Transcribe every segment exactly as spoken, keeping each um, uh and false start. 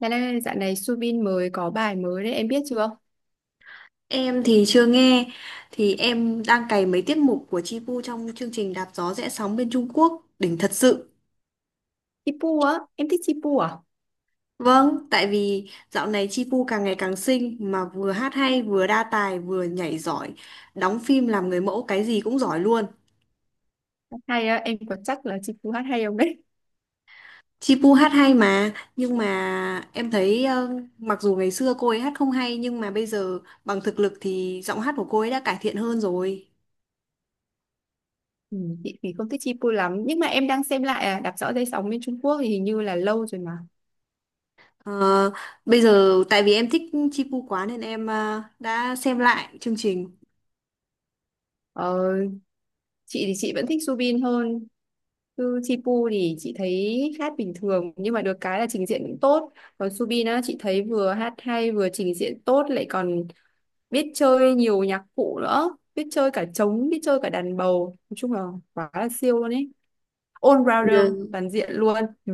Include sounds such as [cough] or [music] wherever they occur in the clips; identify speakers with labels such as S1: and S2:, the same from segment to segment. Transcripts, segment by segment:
S1: Bạn ơi, dạo này Subin mới có bài mới đấy, em biết chưa?
S2: Em thì chưa nghe thì em đang cày mấy tiết mục của Chi Pu trong chương trình Đạp gió rẽ sóng bên Trung Quốc đỉnh thật sự.
S1: Chipu á, em thích Chipu à?
S2: Vâng, tại vì dạo này Chi Pu càng ngày càng xinh mà vừa hát hay vừa đa tài vừa nhảy giỏi, đóng phim làm người mẫu cái gì cũng giỏi luôn.
S1: Hát Hay á, em có chắc là Chipu hát hay không đấy?
S2: Chi Pu hát hay mà, nhưng mà em thấy ờ, mặc dù ngày xưa cô ấy hát không hay nhưng mà bây giờ bằng thực lực thì giọng hát của cô ấy đã cải thiện hơn rồi.
S1: Ừ, chị thì không thích Chipu lắm, nhưng mà em đang xem lại à, Đạp Rõ Dây Sóng bên Trung Quốc thì hình như là lâu rồi mà.
S2: Ờ, bây giờ tại vì em thích Chipu quá nên em ờ, đã xem lại chương trình.
S1: Ờ, chị thì chị vẫn thích Subin hơn, chứ Chipu thì chị thấy hát bình thường, nhưng mà được cái là trình diễn cũng tốt. Còn Subin á, chị thấy vừa hát hay, vừa trình diễn tốt, lại còn biết chơi nhiều nhạc cụ nữa, biết chơi cả trống, biết chơi cả đàn bầu. Nói chung là quá là siêu luôn ấy. All
S2: Bây
S1: rounder
S2: giờ
S1: toàn diện luôn. Ừ.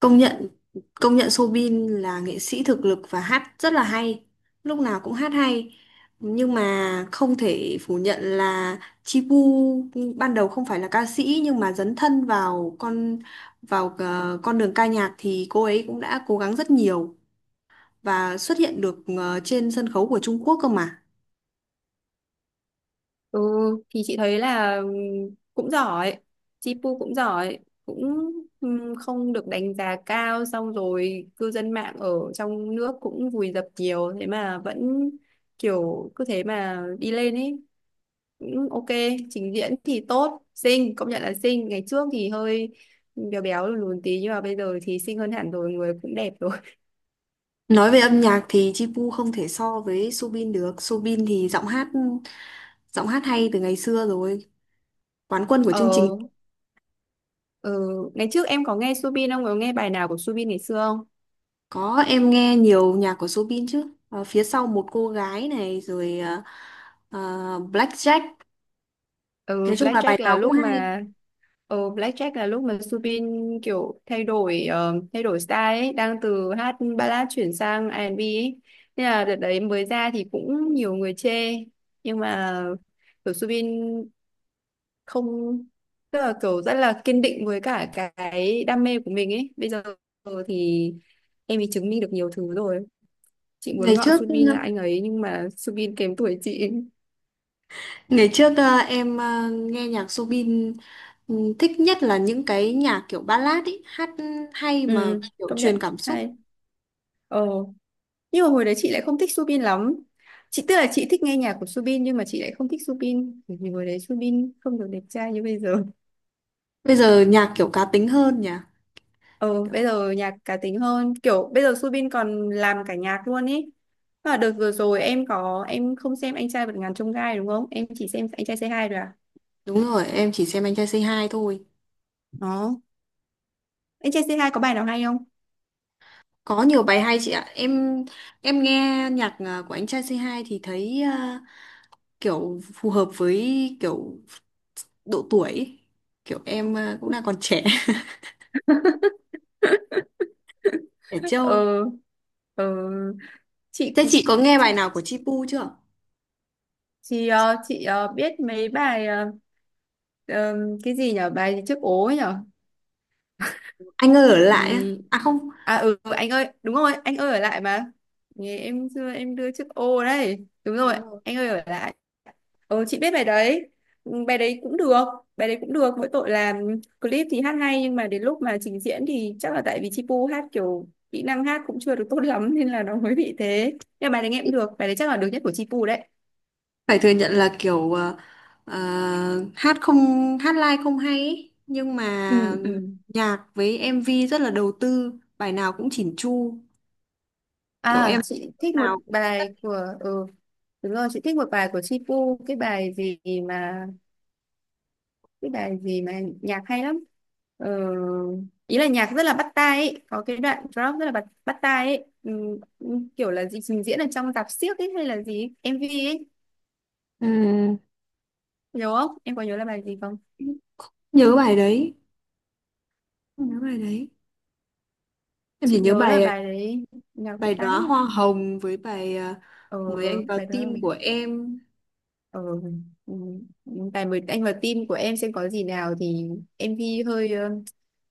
S2: công nhận công nhận Soobin là nghệ sĩ thực lực và hát rất là hay, lúc nào cũng hát hay. Nhưng mà không thể phủ nhận là Chipu ban đầu không phải là ca sĩ nhưng mà dấn thân vào con vào ờ, con đường ca nhạc thì cô ấy cũng đã cố gắng rất nhiều và xuất hiện được ờ, trên sân khấu của Trung Quốc cơ mà.
S1: Ừ, thì chị thấy là ừ, cũng giỏi, Chipu cũng giỏi cũng ừm, không được đánh giá cao, xong rồi cư dân mạng ở trong nước cũng vùi dập nhiều thế mà vẫn kiểu cứ thế mà đi lên ấy, cũng ok. Trình diễn thì tốt, xinh, công nhận là xinh, ngày trước thì hơi béo béo lùn lùn tí nhưng mà bây giờ thì xinh hơn hẳn rồi, người cũng đẹp rồi.
S2: Nói về âm nhạc thì Chipu không thể so với Subin được. Subin thì giọng hát giọng hát hay từ ngày xưa rồi. Quán quân
S1: [laughs]
S2: của chương
S1: Ờ.
S2: trình.
S1: Ừ, ngày trước em có nghe Subin không? Có nghe bài nào của Subin ngày xưa không?
S2: Có, em nghe nhiều nhạc của Subin chứ. Ờ, phía sau một cô gái này rồi ờ, ờ, Blackjack.
S1: Ừ,
S2: Nói chung là
S1: Blackjack
S2: bài
S1: là
S2: nào cũng
S1: lúc
S2: hay.
S1: mà ừ, Blackjack là lúc mà Subin kiểu thay đổi ờ, thay đổi style ấy, đang từ hát ballad chuyển sang a rờ en bi ấy. Nên là đợt đấy mới ra thì cũng nhiều người chê nhưng mà kiểu Subin không, tức là kiểu rất là kiên định với cả cái đam mê của mình ấy. Bây giờ thì em ấy chứng minh được nhiều thứ rồi. Chị muốn
S2: Ngày
S1: gọi
S2: trước
S1: Subin là anh ấy nhưng mà Subin kém tuổi chị.
S2: ngày trước ờ, em ờ, nghe nhạc Subin ừ, thích nhất là những cái nhạc kiểu ballad ấy, hát hay mà
S1: Ừ,
S2: kiểu
S1: công nhận
S2: truyền cảm xúc.
S1: hay. Ờ, nhưng mà hồi đấy chị lại không thích Subin lắm. Chị tức là chị thích nghe nhạc của Subin nhưng mà chị lại không thích Subin bởi vì hồi đấy Subin không được đẹp trai như bây giờ. [laughs]
S2: Bây giờ nhạc kiểu cá tính hơn nhỉ.
S1: Ờ, bây
S2: Kiểu.
S1: giờ nhạc cá tính hơn, kiểu bây giờ Subin còn làm cả nhạc luôn ý. À, đợt vừa rồi em có, em không xem anh trai vượt ngàn chông gai đúng không? Em chỉ xem anh trai xê hai rồi à?
S2: Đúng rồi, em chỉ xem Anh Trai Say Hi thôi.
S1: Đó. Anh trai xê hai có bài nào hay không?
S2: Có nhiều bài hay chị ạ. Em em nghe nhạc à, của Anh Trai Say Hi thì thấy à, kiểu phù hợp với kiểu độ tuổi ấy. Kiểu em à, cũng đang còn trẻ, [laughs] trẻ trâu.
S1: Ờ, ờ chị
S2: Thế chị có nghe bài
S1: chị
S2: nào của Chi chưa?
S1: Chị ờ, chị ờ, biết mấy bài ờ, ờ, cái gì nhở, bài gì trước ố ấy nhở.
S2: Anh ơi ở lại á.
S1: Ừ.
S2: À không,
S1: À ừ, anh ơi, đúng rồi, anh ơi ở lại mà. Nghe em xưa em đưa trước ô đấy, đúng rồi,
S2: đúng rồi.
S1: anh ơi ở lại. Ừ, chị biết bài đấy. Ừ, bài đấy cũng được, bài đấy cũng được mỗi tội là clip thì hát hay nhưng mà đến lúc mà trình diễn thì chắc là tại vì Chi Pu hát kiểu kỹ năng hát cũng chưa được tốt lắm nên là nó mới bị thế, nhưng mà bài đấy nghe cũng được, bài đấy chắc là được nhất của Chi Pu đấy.
S2: Phải thừa nhận là kiểu à, à, hát không hát live không hay ấy. Nhưng mà
S1: Ừ, ừ.
S2: nhạc với em vê rất là đầu tư, bài nào cũng chỉn chu. Kiểu em
S1: À, chị
S2: lúc
S1: thích một
S2: nào.
S1: bài của ừ, đúng rồi, chị thích một bài của Chi Pu, cái bài gì mà cái bài gì mà nhạc hay lắm, ờ, ý là nhạc rất là bắt tai ấy, có cái đoạn drop rất là bắt bắt tai ấy, ừ, kiểu là gì trình diễn ở trong rạp xiếc ấy hay là gì ấy, em vê ấy.
S2: À,
S1: Nhớ không, em có nhớ là bài gì không?
S2: nhớ bài đấy nhớ bài đấy em chỉ
S1: Chị
S2: nhớ
S1: nhớ là
S2: bài,
S1: bài đấy nhạc bắt
S2: bài
S1: tai
S2: đóa
S1: lắm.
S2: hoa hồng với bài à,
S1: Ờ,
S2: mới anh vào
S1: bài đó.
S2: tim của em.
S1: Ờ, ừ, tài mời anh vào team của em xem có gì nào thì em vi hơi ờ,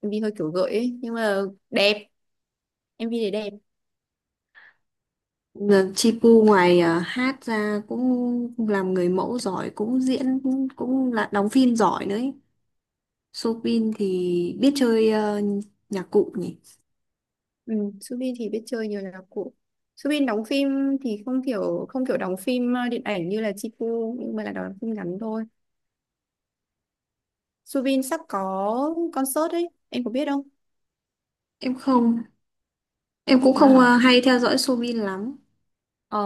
S1: em vi hơi kiểu gợi ấy nhưng mà đẹp, em vi thì đẹp.
S2: Là Chi Pu ngoài à, hát ra cũng làm người mẫu giỏi cũng diễn cũng, cũng là đóng phim giỏi nữa ấy. Soobin thì biết chơi à, nhạc cụ nhỉ.
S1: Ừ, Subin thì biết chơi nhiều là cụ. Subin đóng phim thì không kiểu không kiểu đóng phim ờ, điện ảnh như là Chipu, nhưng mà là đóng phim ngắn thôi. Subin sắp có concert ấy, em có biết không?
S2: Em không em cũng không
S1: À,
S2: à, hay theo dõi Soobin lắm.
S1: ờ,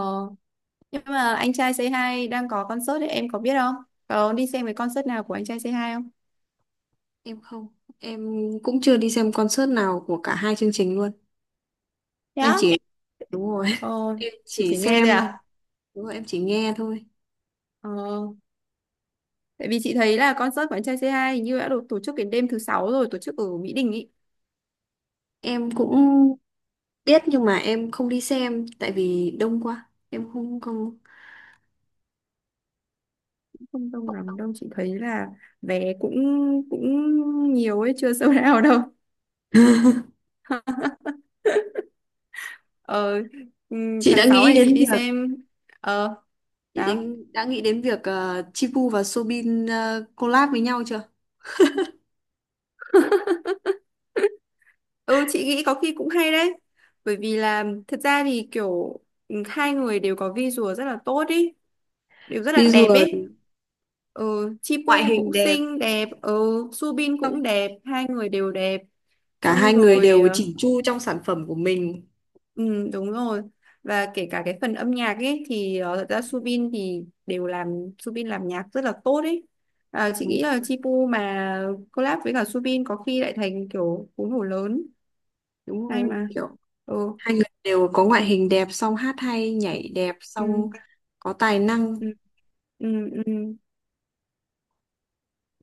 S1: nhưng mà anh trai Say Hi đang có concert đấy, em có biết không? Có đi xem cái concert nào của anh trai Say Hi không?
S2: Em không em cũng chưa đi xem concert nào của cả hai chương trình luôn. Em
S1: Dạ.
S2: chỉ, đúng rồi, [laughs]
S1: Ờ,
S2: em
S1: chị
S2: chỉ
S1: chỉ nghe
S2: xem,
S1: thôi à.
S2: đúng rồi em chỉ nghe thôi.
S1: Ờ. Tại vì chị thấy là concert của anh trai c hai hình như đã được tổ chức đến đêm thứ sáu rồi, tổ chức ở Mỹ Đình ý.
S2: Em cũng biết nhưng mà em không đi xem tại vì đông quá em không không.
S1: Không đông lắm đâu, chị thấy là vé cũng cũng nhiều ấy, chưa [laughs] sold out đâu. Ờ, ừm,
S2: Chị
S1: tháng
S2: đã
S1: sáu
S2: nghĩ
S1: này chị
S2: đến việc,
S1: đi xem. Ờ,
S2: chị
S1: sao?
S2: đến, đã nghĩ đến việc ờ, Chipu và Soobin ờ, collab với nhau chưa?
S1: Ừ, chị nghĩ có khi cũng hay đấy. Bởi vì là thật ra thì kiểu ừm, hai người đều có visual rất là tốt ý, đều rất là đẹp ý.
S2: Visual,
S1: Ừ,
S2: ngoại
S1: Chipu
S2: hình
S1: cũng
S2: đẹp
S1: xinh đẹp, ừ, Subin cũng
S2: xong
S1: đẹp, hai người đều đẹp.
S2: cả
S1: Xong
S2: hai người
S1: rồi
S2: đều
S1: ờ,
S2: chỉnh chu trong sản phẩm của mình.
S1: ừ, đúng rồi, và kể cả cái phần âm nhạc ấy thì ờ, thật ra Subin thì đều làm Subin làm nhạc rất là tốt ấy. À, chị
S2: Đúng,
S1: nghĩ là Chipu mà collab với cả Subin có khi lại thành kiểu cú nổ lớn
S2: đúng
S1: hay
S2: rồi,
S1: mà.
S2: kiểu
S1: Ừ.
S2: hai người đều có ngoại hình đẹp xong hát hay
S1: Ừ.
S2: nhảy đẹp
S1: Ừ.
S2: xong có tài năng.
S1: Ừ. Ừ. Ừ.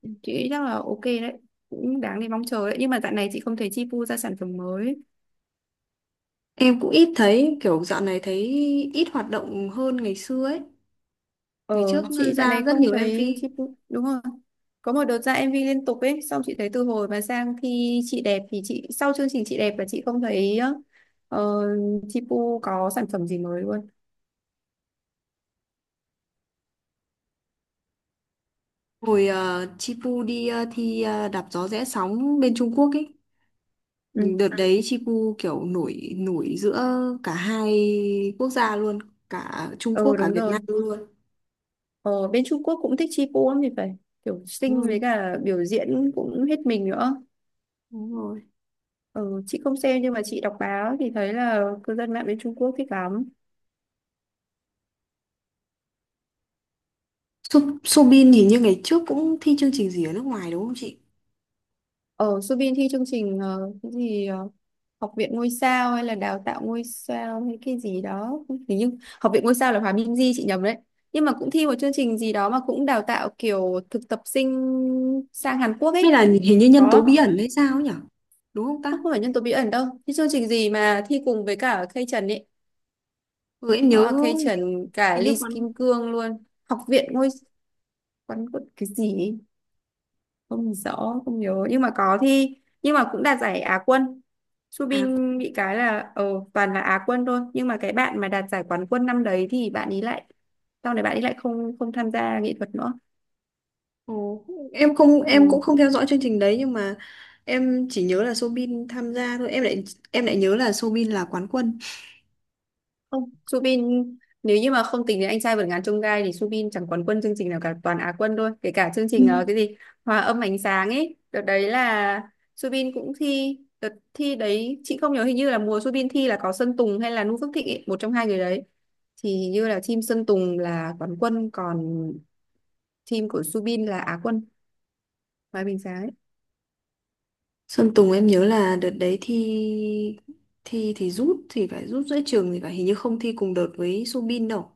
S1: Chị nghĩ chắc là ok đấy, cũng đáng để mong chờ đấy, nhưng mà tại này chị không thấy Chipu ra sản phẩm mới.
S2: Em cũng ít thấy, kiểu dạo này thấy ít hoạt động hơn ngày xưa ấy.
S1: Ờ,
S2: Ngày trước
S1: chị dạo
S2: ra
S1: này
S2: rất
S1: không
S2: nhiều
S1: thấy
S2: em vê.
S1: chị, đúng rồi. Có một đợt ra em vê liên tục ấy, xong chị thấy từ hồi mà sang khi chị đẹp thì chị sau chương trình chị đẹp là chị không thấy ờ, chị Pu có sản phẩm gì mới luôn.
S2: Hồi ờ, Chipu đi ờ, thi ờ, đạp gió rẽ sóng bên Trung Quốc ấy.
S1: Ừ,
S2: Đợt đấy Chipu kiểu nổi nổi giữa cả hai quốc gia luôn, cả Trung Quốc
S1: ờ
S2: cả
S1: đúng
S2: Việt
S1: rồi.
S2: Nam luôn.
S1: Ờ, bên Trung Quốc cũng thích chị Pu lắm thì phải. Kiểu
S2: Đúng
S1: xinh với
S2: rồi,
S1: cả biểu diễn cũng hết mình nữa.
S2: đúng rồi.
S1: Ờ, chị không xem nhưng mà chị đọc báo thì thấy là cư dân mạng bên Trung Quốc thích lắm.
S2: Su- Soobin hình như ngày trước cũng thi chương trình gì ở nước ngoài đúng không chị?
S1: Ở Subin thi chương trình ờ, cái gì ờ, học viện ngôi sao hay là đào tạo ngôi sao hay cái gì đó, hình như học viện ngôi sao là Hòa Minh Di, chị nhầm đấy, nhưng mà cũng thi một chương trình gì đó mà cũng đào tạo kiểu thực tập sinh sang Hàn Quốc
S2: Hay
S1: ấy.
S2: là hình như nhân tố
S1: Có,
S2: bí ẩn hay sao ấy nhỉ? Đúng không ta?
S1: không không phải nhân tố bí ẩn đâu, thi chương trình gì mà thi cùng với cả Kay Trần ấy.
S2: Ừ, em
S1: Có
S2: nhớ
S1: là Kay
S2: hình như,
S1: Trần cả
S2: hình như
S1: Lee
S2: còn
S1: Kim Cương luôn, học viện ngôi, quán quận cái gì ấy? Không rõ, không nhớ, nhưng mà có thi, nhưng mà cũng đạt giải Á quân.
S2: à.
S1: Subin bị cái là ờ toàn là Á quân thôi, nhưng mà cái bạn mà đạt giải quán quân năm đấy thì bạn ấy lại sau này bạn ấy lại không không tham gia nghệ thuật nữa.
S2: Ồ, em không em
S1: Ừ.
S2: cũng không theo dõi chương trình đấy nhưng mà em chỉ nhớ là Soobin tham gia thôi, em lại em lại nhớ là Soobin là quán quân.
S1: Không, Subin nếu như mà không tính đến anh trai vượt ngàn chông gai thì Subin chẳng quán quân chương trình nào cả, toàn Á quân thôi, kể cả chương trình ờ,
S2: Ừ.
S1: cái gì hòa âm ánh sáng ấy, đợt đấy là Subin cũng thi đợt thi đấy chị không nhớ, hình như là mùa Subin thi là có Sơn Tùng hay là Nu Phước Thịnh ấy, một trong hai người đấy, thì hình như là team Sơn Tùng là quán quân còn team của Subin là Á quân, hòa âm ánh sáng ấy.
S2: Sơn Tùng em nhớ là đợt đấy thi, thi thì rút thì phải, rút giữa trường thì phải, hình như không thi cùng đợt với Soobin đâu.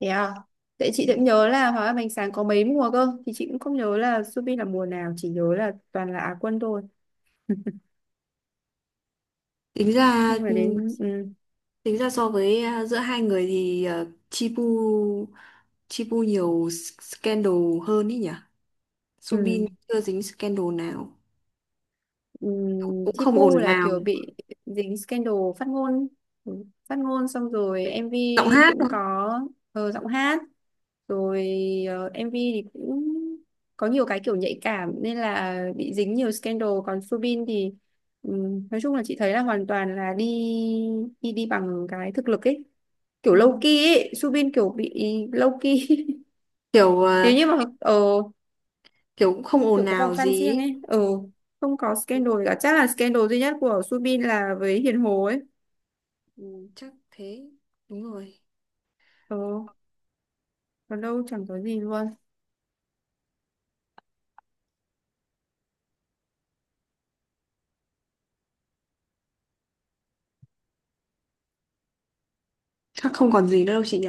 S1: Thế à, tại chị
S2: Ừ.
S1: cũng nhớ là hòa âm ánh sáng có mấy mùa cơ thì chị cũng không nhớ là Subin là mùa nào, chỉ nhớ là toàn là Á quân thôi,
S2: tính ra
S1: nhưng mà đến ừ,
S2: tính ra so với à, giữa hai người thì à, Chipu Chipu nhiều scandal hơn ý nhỉ. Soobin
S1: ừ,
S2: chưa dính scandal nào,
S1: ừ,
S2: cũng cũng không
S1: Thipu
S2: ồn
S1: là
S2: ào.
S1: kiểu bị dính scandal phát ngôn, ừ, phát ngôn xong rồi
S2: Đấy.
S1: em MV
S2: Giọng hát
S1: cũng
S2: thôi.
S1: có, ờ, giọng hát rồi, ờ, em vê thì cũng có nhiều cái kiểu nhạy cảm nên là bị dính nhiều scandal, còn Subin thì ừ, nói chung là chị thấy là hoàn toàn là đi đi đi bằng cái thực lực ấy, kiểu
S2: Ừ,
S1: low key ấy, Subin kiểu bị low key.
S2: kiểu
S1: [laughs] Nếu
S2: ờ,
S1: như mà ờ,
S2: kiểu cũng không
S1: kiểu
S2: ồn
S1: có vòng
S2: ào
S1: fan riêng
S2: gì
S1: ấy, ừ, không có
S2: ý.
S1: scandal gì cả, chắc là scandal duy nhất của Subin là với Hiền Hồ ấy.
S2: Ừ, chắc thế, đúng rồi.
S1: Ừ, còn đâu chẳng có gì luôn.
S2: Chắc không còn gì nữa đâu chị nhỉ.